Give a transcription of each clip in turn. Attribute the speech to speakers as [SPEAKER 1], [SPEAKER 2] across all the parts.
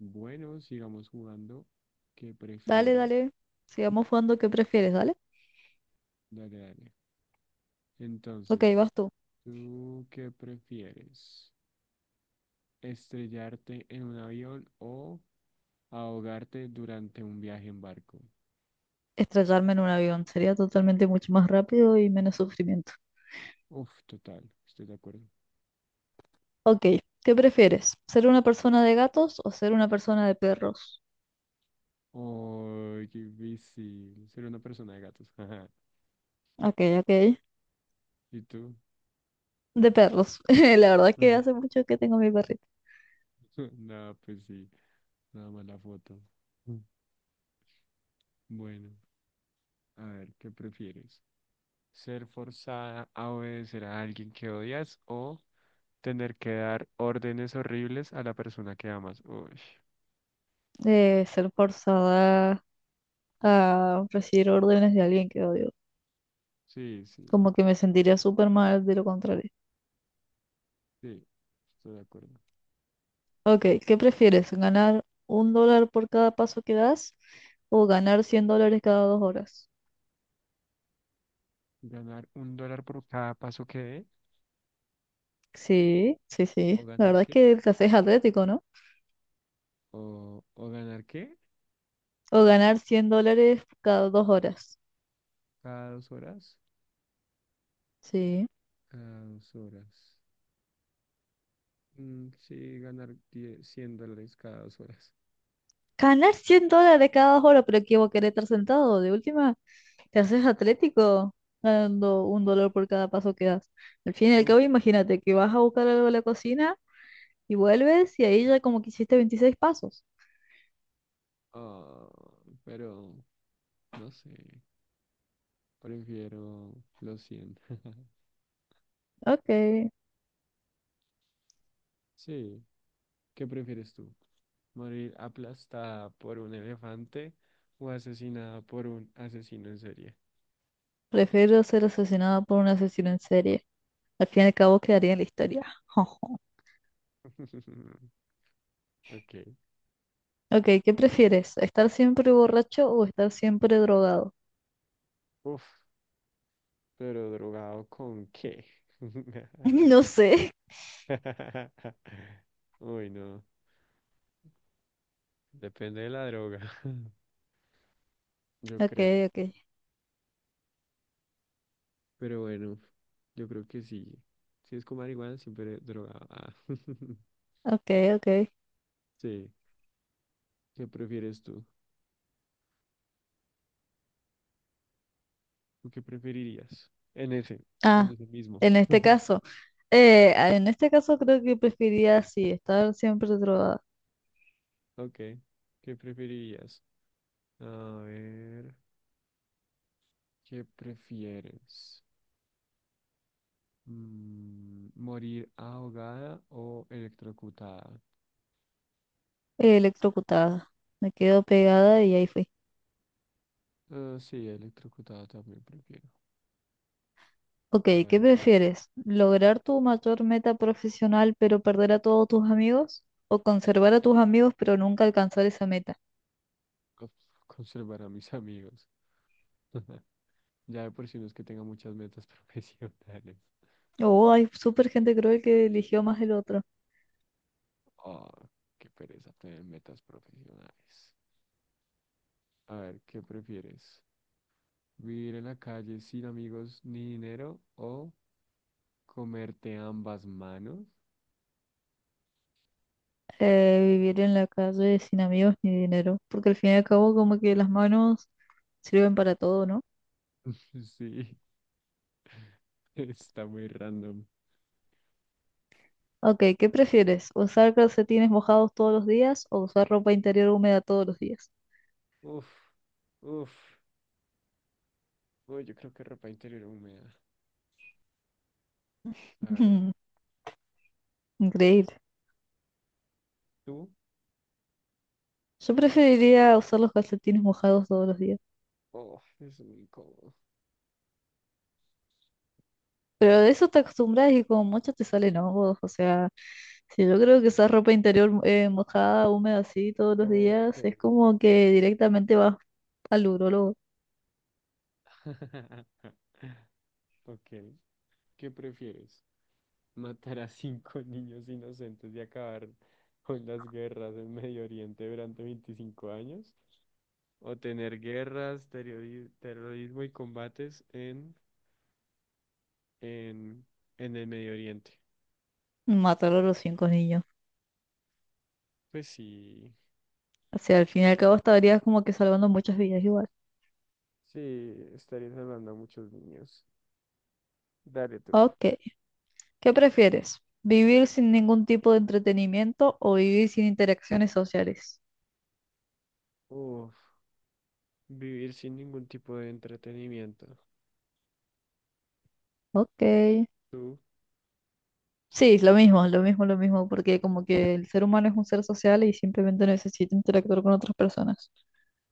[SPEAKER 1] Bueno, sigamos jugando. ¿Qué
[SPEAKER 2] Dale,
[SPEAKER 1] prefiere?
[SPEAKER 2] dale. Sigamos jugando. ¿Qué prefieres? Dale.
[SPEAKER 1] Dale, dale.
[SPEAKER 2] Ok,
[SPEAKER 1] Entonces,
[SPEAKER 2] vas tú.
[SPEAKER 1] ¿tú qué prefieres? ¿Estrellarte en un avión o ahogarte durante un viaje en barco?
[SPEAKER 2] Estrellarme en un avión sería totalmente mucho más rápido y menos sufrimiento.
[SPEAKER 1] Uf, total, estoy de acuerdo.
[SPEAKER 2] Ok, ¿qué prefieres? ¿Ser una persona de gatos o ser una persona de perros?
[SPEAKER 1] Oh, qué difícil. Ser una persona de gatos.
[SPEAKER 2] Ok, ok.
[SPEAKER 1] ¿Y tú?
[SPEAKER 2] De perros. La verdad que
[SPEAKER 1] Ajá.
[SPEAKER 2] hace mucho que tengo mi perrito.
[SPEAKER 1] No, pues sí, nada más la foto. Mm. Bueno, a ver, ¿qué prefieres? ¿Ser forzada a obedecer a alguien que odias o tener que dar órdenes horribles a la persona que amas? Uy,
[SPEAKER 2] Ser forzada a recibir órdenes de alguien que odio.
[SPEAKER 1] sí, sí,
[SPEAKER 2] Como que me sentiría súper mal de lo contrario.
[SPEAKER 1] sí, estoy de acuerdo.
[SPEAKER 2] Ok, ¿qué prefieres? ¿Ganar $1 por cada paso que das o ganar $100 cada 2 horas?
[SPEAKER 1] Ganar un dólar por cada paso que dé.
[SPEAKER 2] Sí, sí, sí.
[SPEAKER 1] ¿O
[SPEAKER 2] La
[SPEAKER 1] ganar
[SPEAKER 2] verdad es
[SPEAKER 1] qué?
[SPEAKER 2] que te haces atlético, ¿no?
[SPEAKER 1] ¿O ganar qué?
[SPEAKER 2] O ganar $100 cada dos horas.
[SPEAKER 1] Cada dos horas.
[SPEAKER 2] Sí.
[SPEAKER 1] Cada dos horas. Mm, sí, ganar 10, $100 cada dos horas.
[SPEAKER 2] Ganar $100 cada 2 horas, pero ¿qué vos querés estar sentado? De última, te haces atlético ganando $1 por cada paso que das. Al fin y al
[SPEAKER 1] Uf,
[SPEAKER 2] cabo, imagínate que vas a buscar algo a la cocina y vuelves y ahí ya como que hiciste 26 pasos.
[SPEAKER 1] ah, pero no sé. Prefiero los 100.
[SPEAKER 2] Ok.
[SPEAKER 1] Sí, ¿qué prefieres tú? Morir aplastada por un elefante o asesinada por un asesino en serie.
[SPEAKER 2] Prefiero ser asesinado por un asesino en serie. Al fin y al cabo, quedaría en la historia.
[SPEAKER 1] Ok.
[SPEAKER 2] Ok, ¿qué prefieres? ¿Estar siempre borracho o estar siempre drogado?
[SPEAKER 1] Uf, pero ¿drogado con qué?
[SPEAKER 2] No sé.
[SPEAKER 1] Uy, no. Depende de la droga, yo
[SPEAKER 2] Ok,
[SPEAKER 1] creo.
[SPEAKER 2] ok,
[SPEAKER 1] Pero bueno, yo creo que sí. Si es con marihuana, siempre drogado. Ah.
[SPEAKER 2] ok, ok.
[SPEAKER 1] Sí. ¿Qué prefieres tú? ¿Tú qué preferirías? En ese, en
[SPEAKER 2] Ah,
[SPEAKER 1] ese mismo.
[SPEAKER 2] en este caso, en este caso creo que preferiría sí estar siempre drogada,
[SPEAKER 1] Ok. ¿Qué preferirías? A ver, ¿qué prefieres? Mm, ¿morir ahogada o electrocutada?
[SPEAKER 2] electrocutada. Me quedo pegada y ahí fui.
[SPEAKER 1] Ah, sí, electrocutada también prefiero.
[SPEAKER 2] Ok,
[SPEAKER 1] A
[SPEAKER 2] ¿qué
[SPEAKER 1] ver, tú,
[SPEAKER 2] prefieres? ¿Lograr tu mayor meta profesional pero perder a todos tus amigos? ¿O conservar a tus amigos pero nunca alcanzar esa meta?
[SPEAKER 1] cons- conservar a mis amigos. Ya de por sí no es que tenga muchas metas profesionales.
[SPEAKER 2] Oh, hay súper gente creo que eligió más el otro.
[SPEAKER 1] Oh, qué pereza tener metas profesionales. A ver, ¿qué prefieres? ¿Vivir en la calle sin amigos ni dinero o comerte ambas manos?
[SPEAKER 2] Vivir en la calle sin amigos ni dinero, porque al fin y al cabo como que las manos sirven para todo, ¿no?
[SPEAKER 1] Sí, está muy random.
[SPEAKER 2] Ok, ¿qué prefieres? ¿Usar calcetines mojados todos los días o usar ropa interior húmeda todos los días?
[SPEAKER 1] Uf, uf. Uy, yo creo que ropa interior húmeda, la verdad.
[SPEAKER 2] Increíble.
[SPEAKER 1] ¿Tú?
[SPEAKER 2] Yo preferiría usar los calcetines mojados todos los días.
[SPEAKER 1] Oh, es muy incómodo.
[SPEAKER 2] Pero de eso te acostumbras y como mucho te salen hongos. O sea, si yo creo que usar ropa interior mojada, húmeda así todos los
[SPEAKER 1] Ok.
[SPEAKER 2] días, es como que directamente vas al urólogo.
[SPEAKER 1] Ok. ¿Qué prefieres? ¿Matar a cinco niños inocentes y acabar con las guerras en Medio Oriente durante 25 años? ¿O tener guerras, terrorismo y combates en, en el Medio Oriente?
[SPEAKER 2] Mataron a los cinco niños.
[SPEAKER 1] Pues sí,
[SPEAKER 2] O sea, al fin y al cabo estarías como que salvando muchas vidas igual.
[SPEAKER 1] sí, estaría salvando a muchos niños. Dale tú.
[SPEAKER 2] Ok, ¿qué prefieres? ¿Vivir sin ningún tipo de entretenimiento o vivir sin interacciones sociales?
[SPEAKER 1] Uf, vivir sin ningún tipo de entretenimiento.
[SPEAKER 2] Ok.
[SPEAKER 1] ¿Tú?
[SPEAKER 2] Sí, lo mismo, lo mismo, lo mismo, porque como que el ser humano es un ser social y simplemente necesita interactuar con otras personas.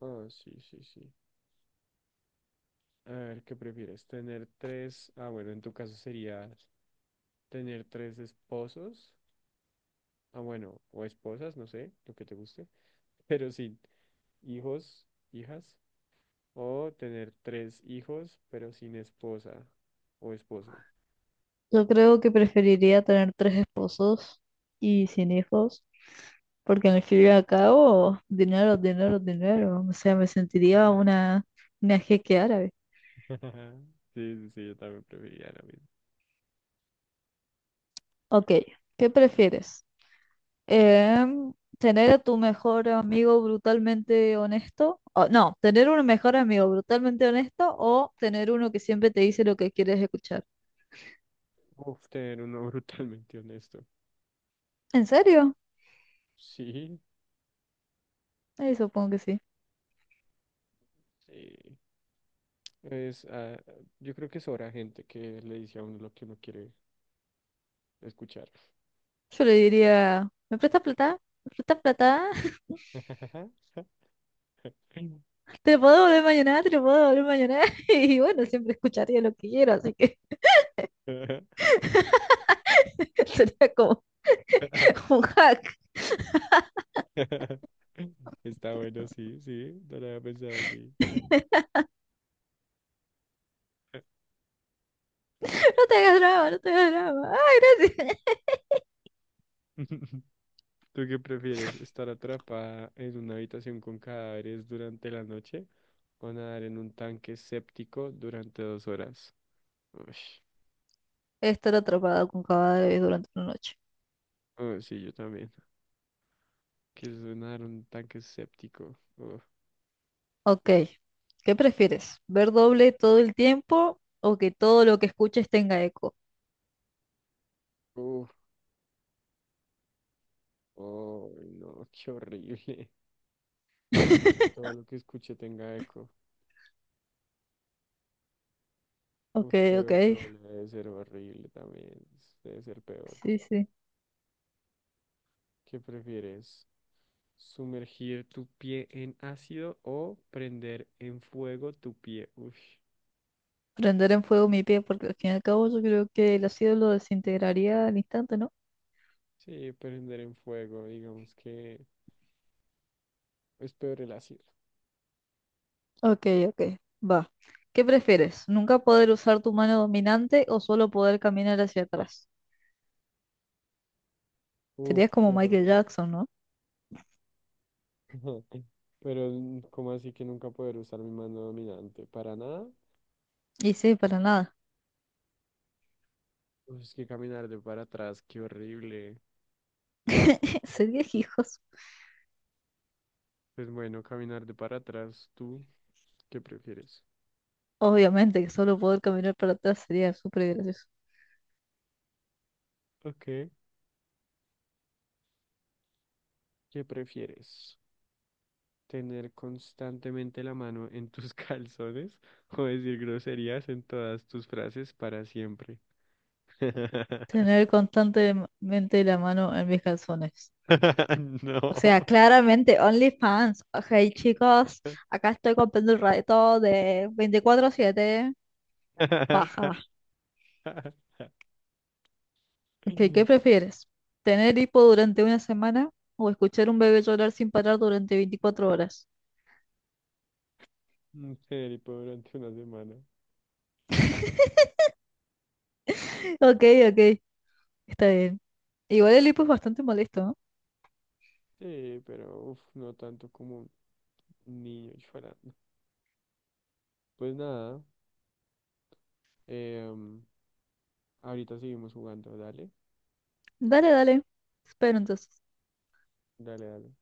[SPEAKER 1] Ah, sí, sí, sí. A ver, ¿qué prefieres? ¿Tener tres? Ah, bueno, en tu caso sería tener tres esposos. Ah, bueno, o esposas, no sé, lo que te guste. Pero sin hijos, hijas. O tener tres hijos, pero sin esposa o esposo.
[SPEAKER 2] Yo creo que preferiría tener tres esposos y sin hijos, porque al fin y al cabo, dinero, dinero, dinero. O sea, me sentiría
[SPEAKER 1] Ajá.
[SPEAKER 2] una jeque árabe.
[SPEAKER 1] Sí, sí, sí, yo también preferiría lo mismo.
[SPEAKER 2] Ok, ¿qué prefieres? Em, Tener a tu mejor amigo brutalmente honesto, o, no, tener un mejor amigo brutalmente honesto o tener uno que siempre te dice lo que quieres escuchar.
[SPEAKER 1] Uf, tener uno brutalmente honesto.
[SPEAKER 2] ¿En serio?
[SPEAKER 1] Sí,
[SPEAKER 2] Supongo que sí.
[SPEAKER 1] sí. Es, ah, yo creo que es hora gente que le dice a uno lo que uno quiere escuchar.
[SPEAKER 2] Yo le diría, ¿me prestas plata? ¿Me prestas plata? ¿Te lo puedo volver mañana? ¿Te lo puedo volver mañana? Y bueno, siempre escucharía lo que quiero, así que sería como un hack.
[SPEAKER 1] Está bueno, sí, sí, no lo había pensado así.
[SPEAKER 2] No te hagas drama, no te hagas drama. Ay, gracias.
[SPEAKER 1] ¿Tú qué prefieres? ¿Estar atrapada en una habitación con cadáveres durante la noche o nadar en un tanque séptico durante dos horas? Ush.
[SPEAKER 2] Estar atrapado con cadáveres durante una noche.
[SPEAKER 1] Oh, sí, yo también. ¿Qué es nadar en un tanque séptico? Uf,
[SPEAKER 2] Ok, ¿qué prefieres? ¿Ver doble todo el tiempo o que todo lo que escuches tenga eco?
[SPEAKER 1] uf, oh, no, qué horrible. No, pues que todo lo que escuche tenga eco.
[SPEAKER 2] Ok,
[SPEAKER 1] Uf, qué
[SPEAKER 2] ok,
[SPEAKER 1] doble debe ser horrible también. Debe ser peor.
[SPEAKER 2] sí, sí.
[SPEAKER 1] ¿Qué prefieres? ¿Sumergir tu pie en ácido o prender en fuego tu pie? Uf,
[SPEAKER 2] Prender en fuego mi pie porque al fin y al cabo yo creo que el ácido lo desintegraría al instante, ¿no?
[SPEAKER 1] sí, prender en fuego, digamos que es peor el ácido.
[SPEAKER 2] Ok, ok, va. ¿Qué prefieres? ¿Nunca poder usar tu mano dominante o solo poder caminar hacia atrás?
[SPEAKER 1] Uf,
[SPEAKER 2] Serías como Michael
[SPEAKER 1] pero.
[SPEAKER 2] Jackson, ¿no?
[SPEAKER 1] Pero, ¿cómo así que nunca poder usar mi mano dominante? ¿Para nada?
[SPEAKER 2] Y sí, para nada.
[SPEAKER 1] Uf, es que caminar de para atrás, qué horrible.
[SPEAKER 2] Serías hijos.
[SPEAKER 1] Pues bueno, caminar de para atrás, ¿tú qué prefieres?
[SPEAKER 2] Obviamente que solo poder caminar para atrás sería súper gracioso.
[SPEAKER 1] Ok, ¿qué prefieres? ¿Tener constantemente la mano en tus calzones o decir groserías en todas tus frases para siempre?
[SPEAKER 2] Tener constantemente la mano en mis calzones. O
[SPEAKER 1] No.
[SPEAKER 2] sea, claramente, OnlyFans. Ok, chicos, acá estoy comprando el rato de 24/7, paja. Ok, ¿qué prefieres? ¿Tener hipo durante una semana o escuchar un bebé llorar sin parar durante 24 horas?
[SPEAKER 1] Ser y durante una semana.
[SPEAKER 2] Ok, ok, está bien. Igual el hipo es bastante molesto, ¿no?
[SPEAKER 1] Sí, pero uf, no tanto como un niño llorando. Pues nada, em, ahorita seguimos jugando, dale,
[SPEAKER 2] Dale, dale. Espero entonces.
[SPEAKER 1] dale, dale.